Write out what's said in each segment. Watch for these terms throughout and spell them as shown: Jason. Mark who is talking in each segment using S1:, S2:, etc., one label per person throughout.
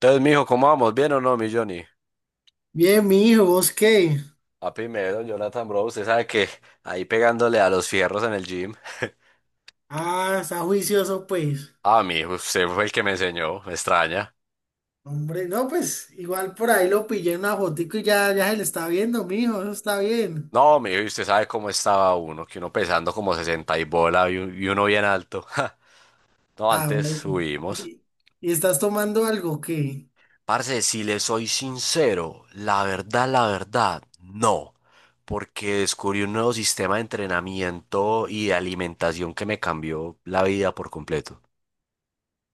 S1: Entonces, mijo, ¿cómo vamos? ¿Bien o no, mi Johnny?
S2: Bien, mi hijo, ¿vos qué?
S1: A primero, Jonathan, bro, usted sabe que ahí pegándole a los fierros en el gym.
S2: Ah, está juicioso, pues.
S1: Ah, mijo, usted fue el que me enseñó, me extraña.
S2: Hombre, no, pues igual por ahí lo pillé en una fotico y ya se le está viendo, mi hijo, eso está bien.
S1: No, mijo, y usted sabe cómo estaba uno, que uno pesando como 60 y bola y uno bien alto. No,
S2: Ah,
S1: antes
S2: marica.
S1: subimos.
S2: ¿Y, y estás tomando algo que?
S1: Parce, si le soy sincero, la verdad, no. Porque descubrí un nuevo sistema de entrenamiento y de alimentación que me cambió la vida por completo.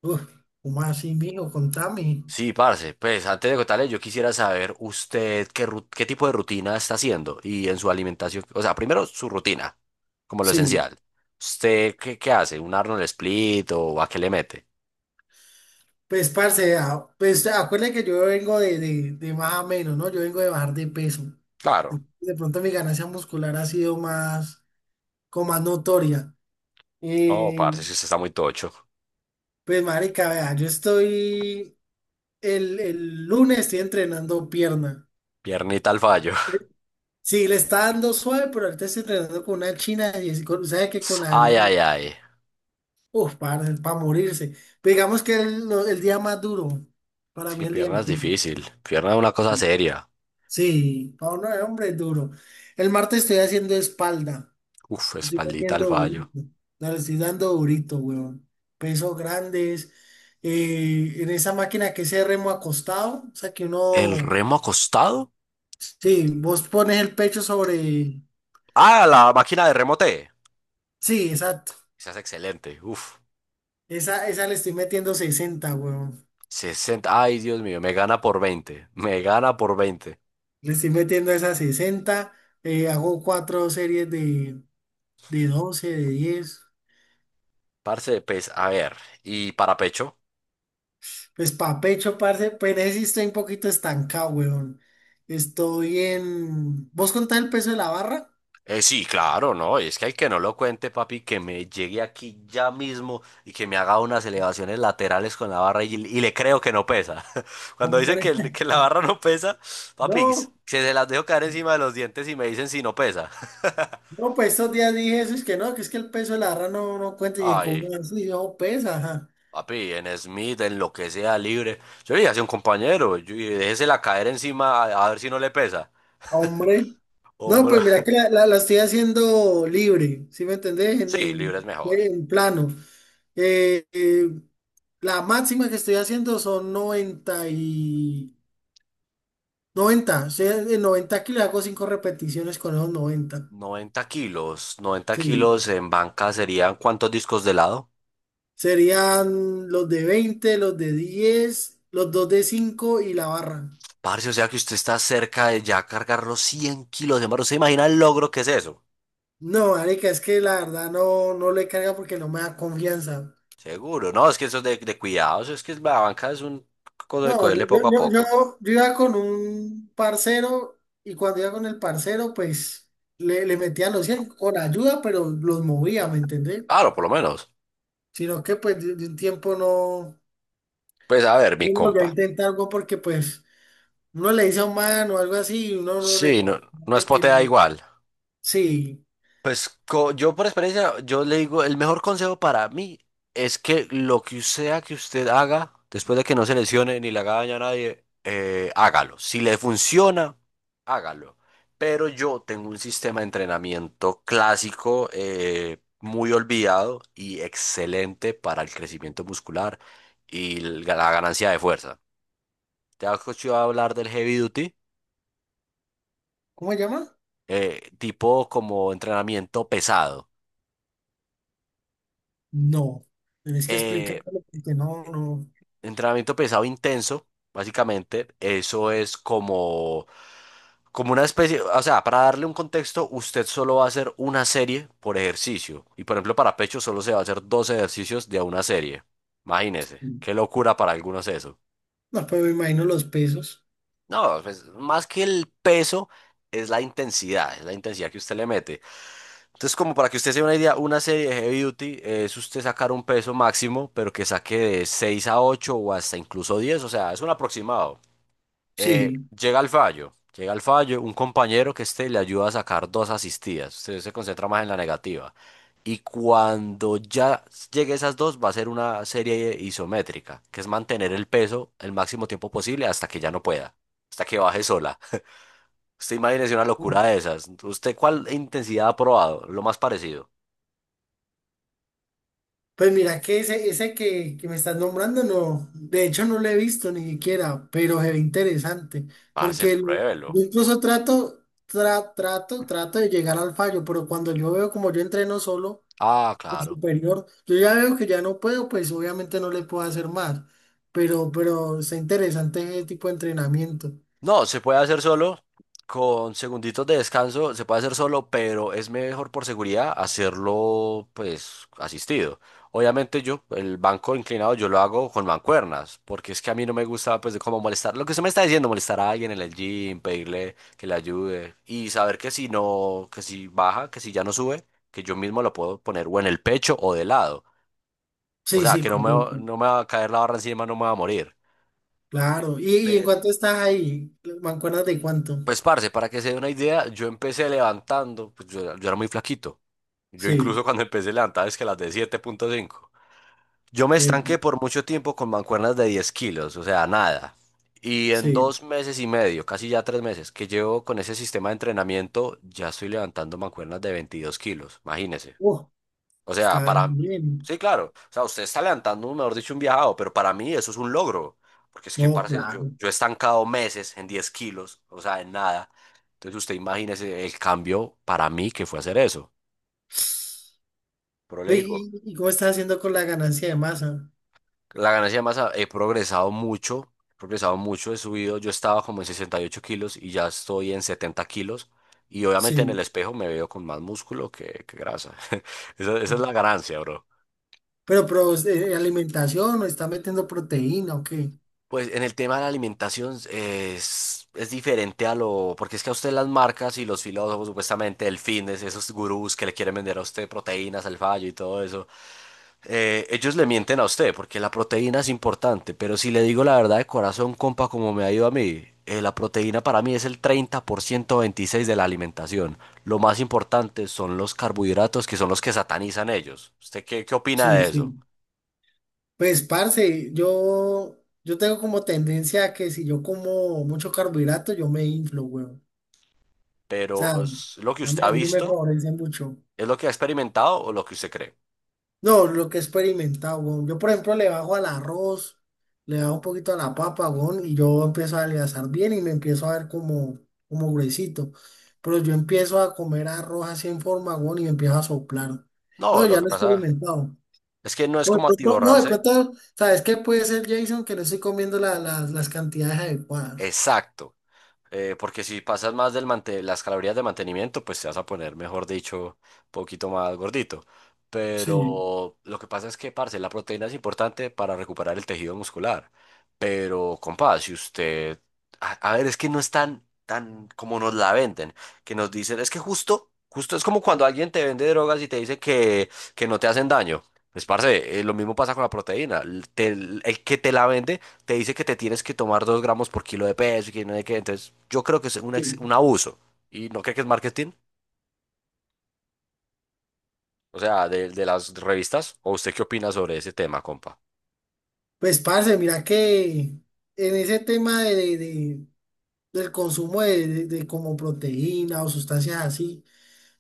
S2: Uf, ¿cómo así, mi hijo? Contame.
S1: Sí, parce, pues antes de contarle, yo quisiera saber usted qué tipo de rutina está haciendo y en su alimentación, o sea, primero su rutina, como lo
S2: Sí,
S1: esencial. ¿Usted qué hace? ¿Un Arnold Split o a qué le mete?
S2: pues, parce, ah, pues acuérdate que yo vengo de más a menos, ¿no? Yo vengo de bajar de peso.
S1: Claro.
S2: De pronto mi ganancia muscular ha sido más, como más notoria.
S1: Oh,
S2: Eh,
S1: parce, si usted está muy tocho.
S2: pues, marica, vea, yo estoy. El lunes estoy entrenando pierna.
S1: Piernita al fallo.
S2: Sí, le está dando suave, pero ahorita estoy entrenando con una china y sabe que con la
S1: Ay,
S2: hembra,
S1: ay, ay.
S2: uff, para morirse. Pero digamos que el día más duro,
S1: Es
S2: para
S1: que
S2: mí el día
S1: pierna
S2: más
S1: es
S2: duro.
S1: difícil. Pierna es una cosa seria.
S2: Sí, para uno de hombre es duro. El martes estoy haciendo espalda.
S1: Uf,
S2: Estoy
S1: espaldita al
S2: metiendo
S1: fallo.
S2: durito. No, le estoy dando durito, weón. Pesos grandes. En esa máquina que se remo acostado. O sea que
S1: ¿El
S2: uno.
S1: remo acostado?
S2: Sí, vos pones el pecho sobre.
S1: Ah, la máquina de remote.
S2: Sí, exacto.
S1: Esa es excelente. Uf.
S2: Esa le estoy metiendo 60, weón.
S1: Sesenta. Ay, Dios mío, me gana por veinte. Me gana por veinte.
S2: Le estoy metiendo esa 60. Hago cuatro series de, 12, de 10.
S1: Parce, pues, a ver. ¿Y para pecho?
S2: Pues pa' pecho, parce. Pero ese sí estoy un poquito estancado, weón. ¿Vos contás el peso de la barra?
S1: Sí, claro, no. Es que hay que no lo cuente, papi, que me llegue aquí ya mismo y que me haga unas elevaciones laterales con la barra y le creo que no pesa. Cuando dicen
S2: Hombre.
S1: que, el- que la barra no pesa, papi, se,
S2: No,
S1: se las dejo caer encima de los dientes y me dicen si no pesa.
S2: no, pues estos días dije eso, es que no, que es que el peso de la barra no, no cuenta. Y
S1: Ay,
S2: como así, yo pesa, ajá.
S1: papi, en Smith, en lo que sea libre. Yo le dije a un compañero, yo, y déjesela caer encima a ver si no le pesa.
S2: Hombre. No,
S1: Hombre.
S2: pues mira que la estoy haciendo libre, ¿sí me entendés? En,
S1: Sí,
S2: en-
S1: libre es mejor.
S2: en plano. Eh, eh, la máxima que estoy haciendo son 90 y noventa. O sea, de 90 kilos hago 5 repeticiones con esos 90.
S1: 90 kilos, noventa
S2: Sí.
S1: kilos en banca serían ¿cuántos discos de lado?
S2: Serían los de 20, los de 10, los dos de 5 y la barra.
S1: Parce, o sea que usted está cerca de ya cargar los 100 kilos. ¿De ¿hermano, se imagina el logro que es eso?
S2: No, marica, es que la verdad no, no le carga porque no me da confianza.
S1: Seguro, no, es que eso es de cuidados, es que la banca es un cosa de
S2: No, yo,
S1: cogerle
S2: yo,
S1: poco a
S2: yo- yo-
S1: poco.
S2: yo iba con un parcero y cuando iba con el parcero, pues le metía los 100 con ayuda, pero los movía, ¿me entendés?
S1: Claro, por lo menos.
S2: Sino que pues de un tiempo no,
S1: Pues a ver, mi
S2: no volví a
S1: compa.
S2: intentar algo porque pues uno le dice a un man o algo así y uno no
S1: Sí,
S2: le
S1: no,
S2: tiene
S1: no es
S2: de que...
S1: potea igual.
S2: Sí,
S1: Pues yo por experiencia, yo le digo, el mejor consejo para mí es que lo que sea que usted haga, después de que no se lesione ni le haga daño a nadie, hágalo. Si le funciona, hágalo. Pero yo tengo un sistema de entrenamiento clásico, muy olvidado y excelente para el crecimiento muscular y la ganancia de fuerza. ¿Te has escuchado hablar del heavy duty,
S2: ¿cómo se llama?
S1: tipo como entrenamiento pesado?
S2: No, tenés que
S1: Eh,
S2: explicarlo porque no, no,
S1: Entrenamiento pesado intenso, básicamente, eso es como una especie, o sea, para darle un contexto, usted solo va a hacer una serie por ejercicio. Y por ejemplo, para pecho solo se va a hacer dos ejercicios de una serie. Imagínese, qué locura para algunos eso.
S2: no, pero me imagino los pesos.
S1: No, pues más que el peso, es la intensidad que usted le mete. Entonces, como para que usted se dé una idea, una serie de heavy duty es usted sacar un peso máximo, pero que saque de 6 a 8 o hasta incluso diez, o sea, es un aproximado.
S2: Sí.
S1: Llega al fallo, un compañero que esté le ayuda a sacar dos asistidas, usted se concentra más en la negativa. Y cuando ya llegue a esas dos, va a ser una serie isométrica, que es mantener el peso el máximo tiempo posible hasta que ya no pueda, hasta que baje sola. Usted imagínese una locura de esas. ¿Usted cuál intensidad ha probado? Lo más parecido.
S2: Pues mira que ese que me estás nombrando, no, de hecho no lo he visto ni siquiera, pero se ve interesante,
S1: Parce,
S2: porque
S1: pruébelo.
S2: yo incluso trato de llegar al fallo, pero cuando yo veo como yo entreno solo
S1: Ah,
S2: en
S1: claro.
S2: superior, yo ya veo que ya no puedo, pues obviamente no le puedo hacer más, pero está interesante ese tipo de entrenamiento.
S1: No, se puede hacer solo, con segunditos de descanso, se puede hacer solo, pero es mejor por seguridad hacerlo pues asistido. Obviamente yo, el banco inclinado, yo lo hago con mancuernas, porque es que a mí no me gusta pues de cómo molestar, lo que usted me está diciendo, molestar a alguien en el gym, pedirle que le ayude y saber que si no, que si baja, que si ya no sube, que yo mismo lo puedo poner o en el pecho o de lado. O
S2: Sí,
S1: sea,
S2: sí,
S1: que
S2: correcto,
S1: no me va a caer la barra encima, no me va a morir.
S2: claro. ¿Y en cuánto estás ahí? ¿Mancuernas de cuánto?
S1: Pues, parce, para que se dé una idea, yo empecé levantando, pues yo era muy flaquito. Yo incluso
S2: Sí,
S1: cuando empecé a levantar es que las de 7.5. Yo me
S2: eh,
S1: estanqué por mucho tiempo con mancuernas de 10 kilos, o sea, nada. Y en
S2: sí.
S1: dos meses y medio, casi ya 3 meses, que llevo con ese sistema de entrenamiento, ya estoy levantando mancuernas de 22 kilos, imagínese.
S2: Uh,
S1: O sea,
S2: Está
S1: para.
S2: bien.
S1: Sí, claro. O sea, usted está levantando, mejor dicho, un viajado, pero para mí eso es un logro. Porque es que,
S2: No,
S1: parce, yo,
S2: claro.
S1: yo he estancado meses en 10 kilos, o sea, en nada. Entonces usted imagínese el cambio para mí que fue hacer eso. Pero le
S2: Ve,
S1: digo,
S2: ¿Y cómo estás haciendo con la ganancia de masa?
S1: la ganancia de masa, he progresado mucho, he progresado mucho, he subido. Yo estaba como en 68 kilos y ya estoy en 70 kilos. Y obviamente en el
S2: Sí.
S1: espejo me veo con más músculo que grasa. Esa es la ganancia, bro.
S2: Pero, alimentación, ¿o está metiendo proteína o qué?
S1: Pues en el tema de la alimentación es diferente a lo, porque es que a usted las marcas y los filósofos, supuestamente el fitness, esos gurús que le quieren vender a usted proteínas al fallo y todo eso, ellos le mienten a usted porque la proteína es importante, pero si le digo la verdad de corazón, compa, como me ha ido a mí, la proteína para mí es el 30% 26 de la alimentación. Lo más importante son los carbohidratos que son los que satanizan ellos. ¿Usted qué opina
S2: Sí,
S1: de
S2: sí.
S1: eso?
S2: Pues, parce, yo tengo como tendencia a que si yo como mucho carbohidrato, yo me inflo, weón. O sea, a
S1: Pero es lo que usted
S2: mí,
S1: ha
S2: a mí no me
S1: visto.
S2: favorece mucho.
S1: ¿Es lo que ha experimentado o lo que usted cree?
S2: No, lo que he experimentado, weón. Yo, por ejemplo, le bajo al arroz, le bajo un poquito a la papa, weón, y yo empiezo a adelgazar bien y me empiezo a ver como gruesito. Pero yo empiezo a comer arroz así en forma, weón, y me empiezo a soplar. No,
S1: No, lo
S2: ya
S1: que
S2: lo he
S1: pasa
S2: experimentado.
S1: es que no es
S2: No, de
S1: como
S2: pronto, no, de
S1: atiborrarse.
S2: pronto, ¿sabes qué puede ser, Jason? Que no estoy comiendo las cantidades adecuadas.
S1: Exacto. Porque si pasas más del las calorías de mantenimiento, pues te vas a poner, mejor dicho, poquito más gordito.
S2: Sí,
S1: Pero lo que pasa es que, parce, la proteína es importante para recuperar el tejido muscular. Pero, compadre, si usted. A ver, es que no es tan, tan como nos la venden, que nos dicen, es que justo, justo es como cuando alguien te vende drogas y te dice que no te hacen daño. Pues, parce, lo mismo pasa con la proteína. El que te la vende te dice que te tienes que tomar 2 gramos por kilo de peso y que no sé qué. Entonces, yo creo que es un, ex-
S2: sí.
S1: un abuso. ¿Y no cree que es marketing? O sea, de las revistas. ¿O usted qué opina sobre ese tema, compa?
S2: Pues, parce, mira que en ese tema del consumo de como proteína o sustancias así.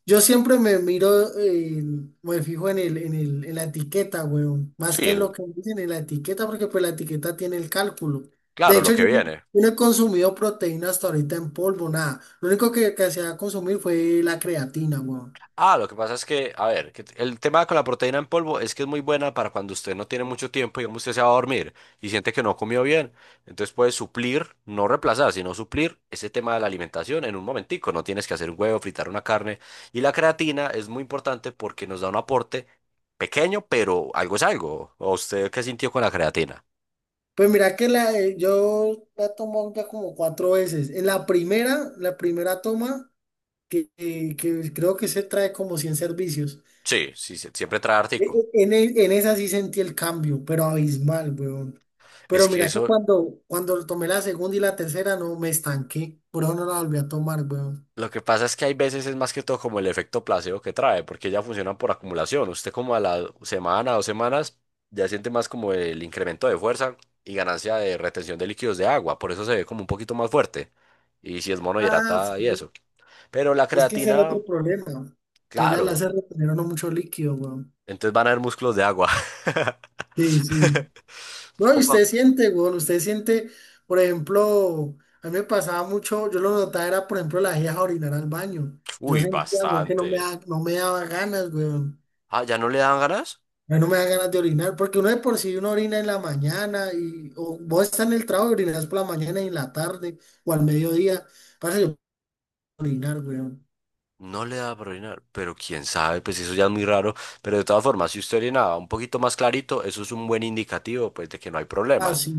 S2: Yo siempre me miro, me fijo en la etiqueta, weón. Más
S1: Sí,
S2: que en lo que dicen en la etiqueta, porque pues la etiqueta tiene el cálculo. De
S1: claro, lo
S2: hecho,
S1: que
S2: yo, no
S1: viene.
S2: yo no he consumido proteína hasta ahorita en polvo, nada. Lo único que hacía consumir fue la creatina, weón.
S1: Ah, lo que pasa es que, a ver, que el tema con la proteína en polvo es que es muy buena para cuando usted no tiene mucho tiempo, digamos, usted se va a dormir y siente que no comió bien. Entonces puede suplir, no reemplazar, sino suplir ese tema de la alimentación en un momentico. No tienes que hacer un huevo, fritar una carne. Y la creatina es muy importante porque nos da un aporte pequeño, pero algo es algo. ¿O usted qué sintió con la creatina?
S2: Pues mira que yo la tomo ya como cuatro veces. En la primera toma, que creo que se trae como 100 servicios.
S1: Sí, sí, siempre trae
S2: E-
S1: artículo.
S2: e- En, e- en esa sí sentí el cambio, pero abismal, weón.
S1: Es
S2: Pero
S1: que
S2: mira que
S1: eso.
S2: cuando tomé la segunda y la tercera, no me estanqué. Por eso no la volví a tomar, weón.
S1: Lo que pasa es que hay veces es más que todo como el efecto placebo que trae, porque ya funcionan por acumulación. Usted como a la semana, dos semanas, ya siente más como el incremento de fuerza y ganancia de retención de líquidos de agua, por eso se ve como un poquito más fuerte. Y si es
S2: Ah,
S1: monohidrata y
S2: sí.
S1: eso. Pero la
S2: Es que ese era otro
S1: creatina,
S2: problema. Que ya la
S1: claro,
S2: hace retener a uno mucho líquido, weón.
S1: entonces van a haber músculos de agua.
S2: Sí, sí. No, y
S1: Compa-
S2: usted siente, weón, usted siente, por ejemplo, a mí me pasaba mucho, yo lo notaba era, por ejemplo, la a orinar al baño. Yo
S1: Uy,
S2: sentía, weón, que no me
S1: bastante.
S2: daba, no me daba ganas, weón.
S1: Ah, ¿ya no le dan ganas?
S2: Ya no me da ganas de orinar, porque uno de por sí uno orina en la mañana y o vos estás en el trabajo y orinas por la mañana y en la tarde o al mediodía. Pasa yo puedo orinar, weón.
S1: No le da por orinar, pero quién sabe, pues eso ya es muy raro. Pero de todas formas, si usted orinaba un poquito más clarito, eso es un buen indicativo, pues, de que no hay
S2: Ah,
S1: problemas.
S2: sí,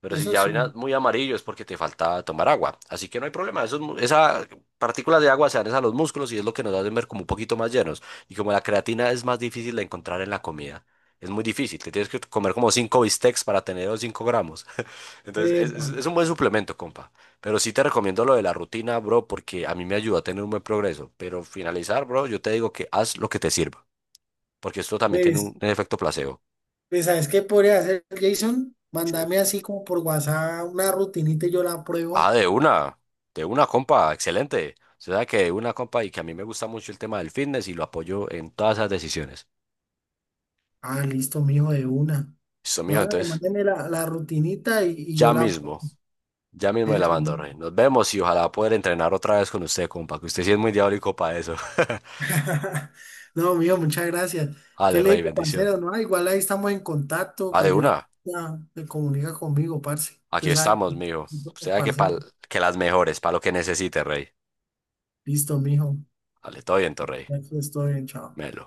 S1: Pero si
S2: eso
S1: ya
S2: sí.
S1: orinas muy amarillo es porque te falta tomar agua. Así que no hay problema. Esos mu- Esas partículas de agua se dan es a los músculos y es lo que nos hace ver como un poquito más llenos. Y como la creatina es más difícil de encontrar en la comida, es muy difícil. Te tienes que comer como cinco bistecs para tener los 5 gramos. Entonces, es,
S2: Epa,
S1: es- es un buen suplemento, compa. Pero sí te recomiendo lo de la rutina, bro, porque a mí me ayuda a tener un buen progreso. Pero finalizar, bro, yo te digo que haz lo que te sirva, porque esto también tiene
S2: pues,
S1: un efecto placebo.
S2: ¿sabes qué podría hacer, Jason?
S1: Sí.
S2: Mándame así como por WhatsApp una rutinita y yo la
S1: Ah,
S2: pruebo.
S1: de una, compa, excelente. Usted sabe que de una, compa, y que a mí me gusta mucho el tema del fitness y lo apoyo en todas esas decisiones.
S2: Ah, listo, mijo, de una.
S1: Listo,
S2: No,
S1: mijo,
S2: hágale,
S1: entonces,
S2: mándeme la rutinita y yo
S1: ya
S2: la pruebo.
S1: mismo, ya mismo me la
S2: Eso.
S1: mando, rey. Nos vemos y ojalá poder entrenar otra vez con usted, compa, que usted sí es muy diabólico para eso.
S2: No, mío, muchas gracias. ¿Qué
S1: Ale,
S2: le
S1: rey,
S2: digo,
S1: bendiciones.
S2: parcero? No, igual ahí estamos en contacto.
S1: Ah, de
S2: Cualquier
S1: una.
S2: cosa se comunica conmigo, parce.
S1: Aquí
S2: Usted sabe,
S1: estamos, mijo. Usted
S2: que
S1: sabe que,
S2: parce.
S1: que las mejores, para lo que necesite, rey.
S2: Listo, mijo.
S1: Vale, todo bien, rey.
S2: Ya que estoy bien, chao.
S1: Melo.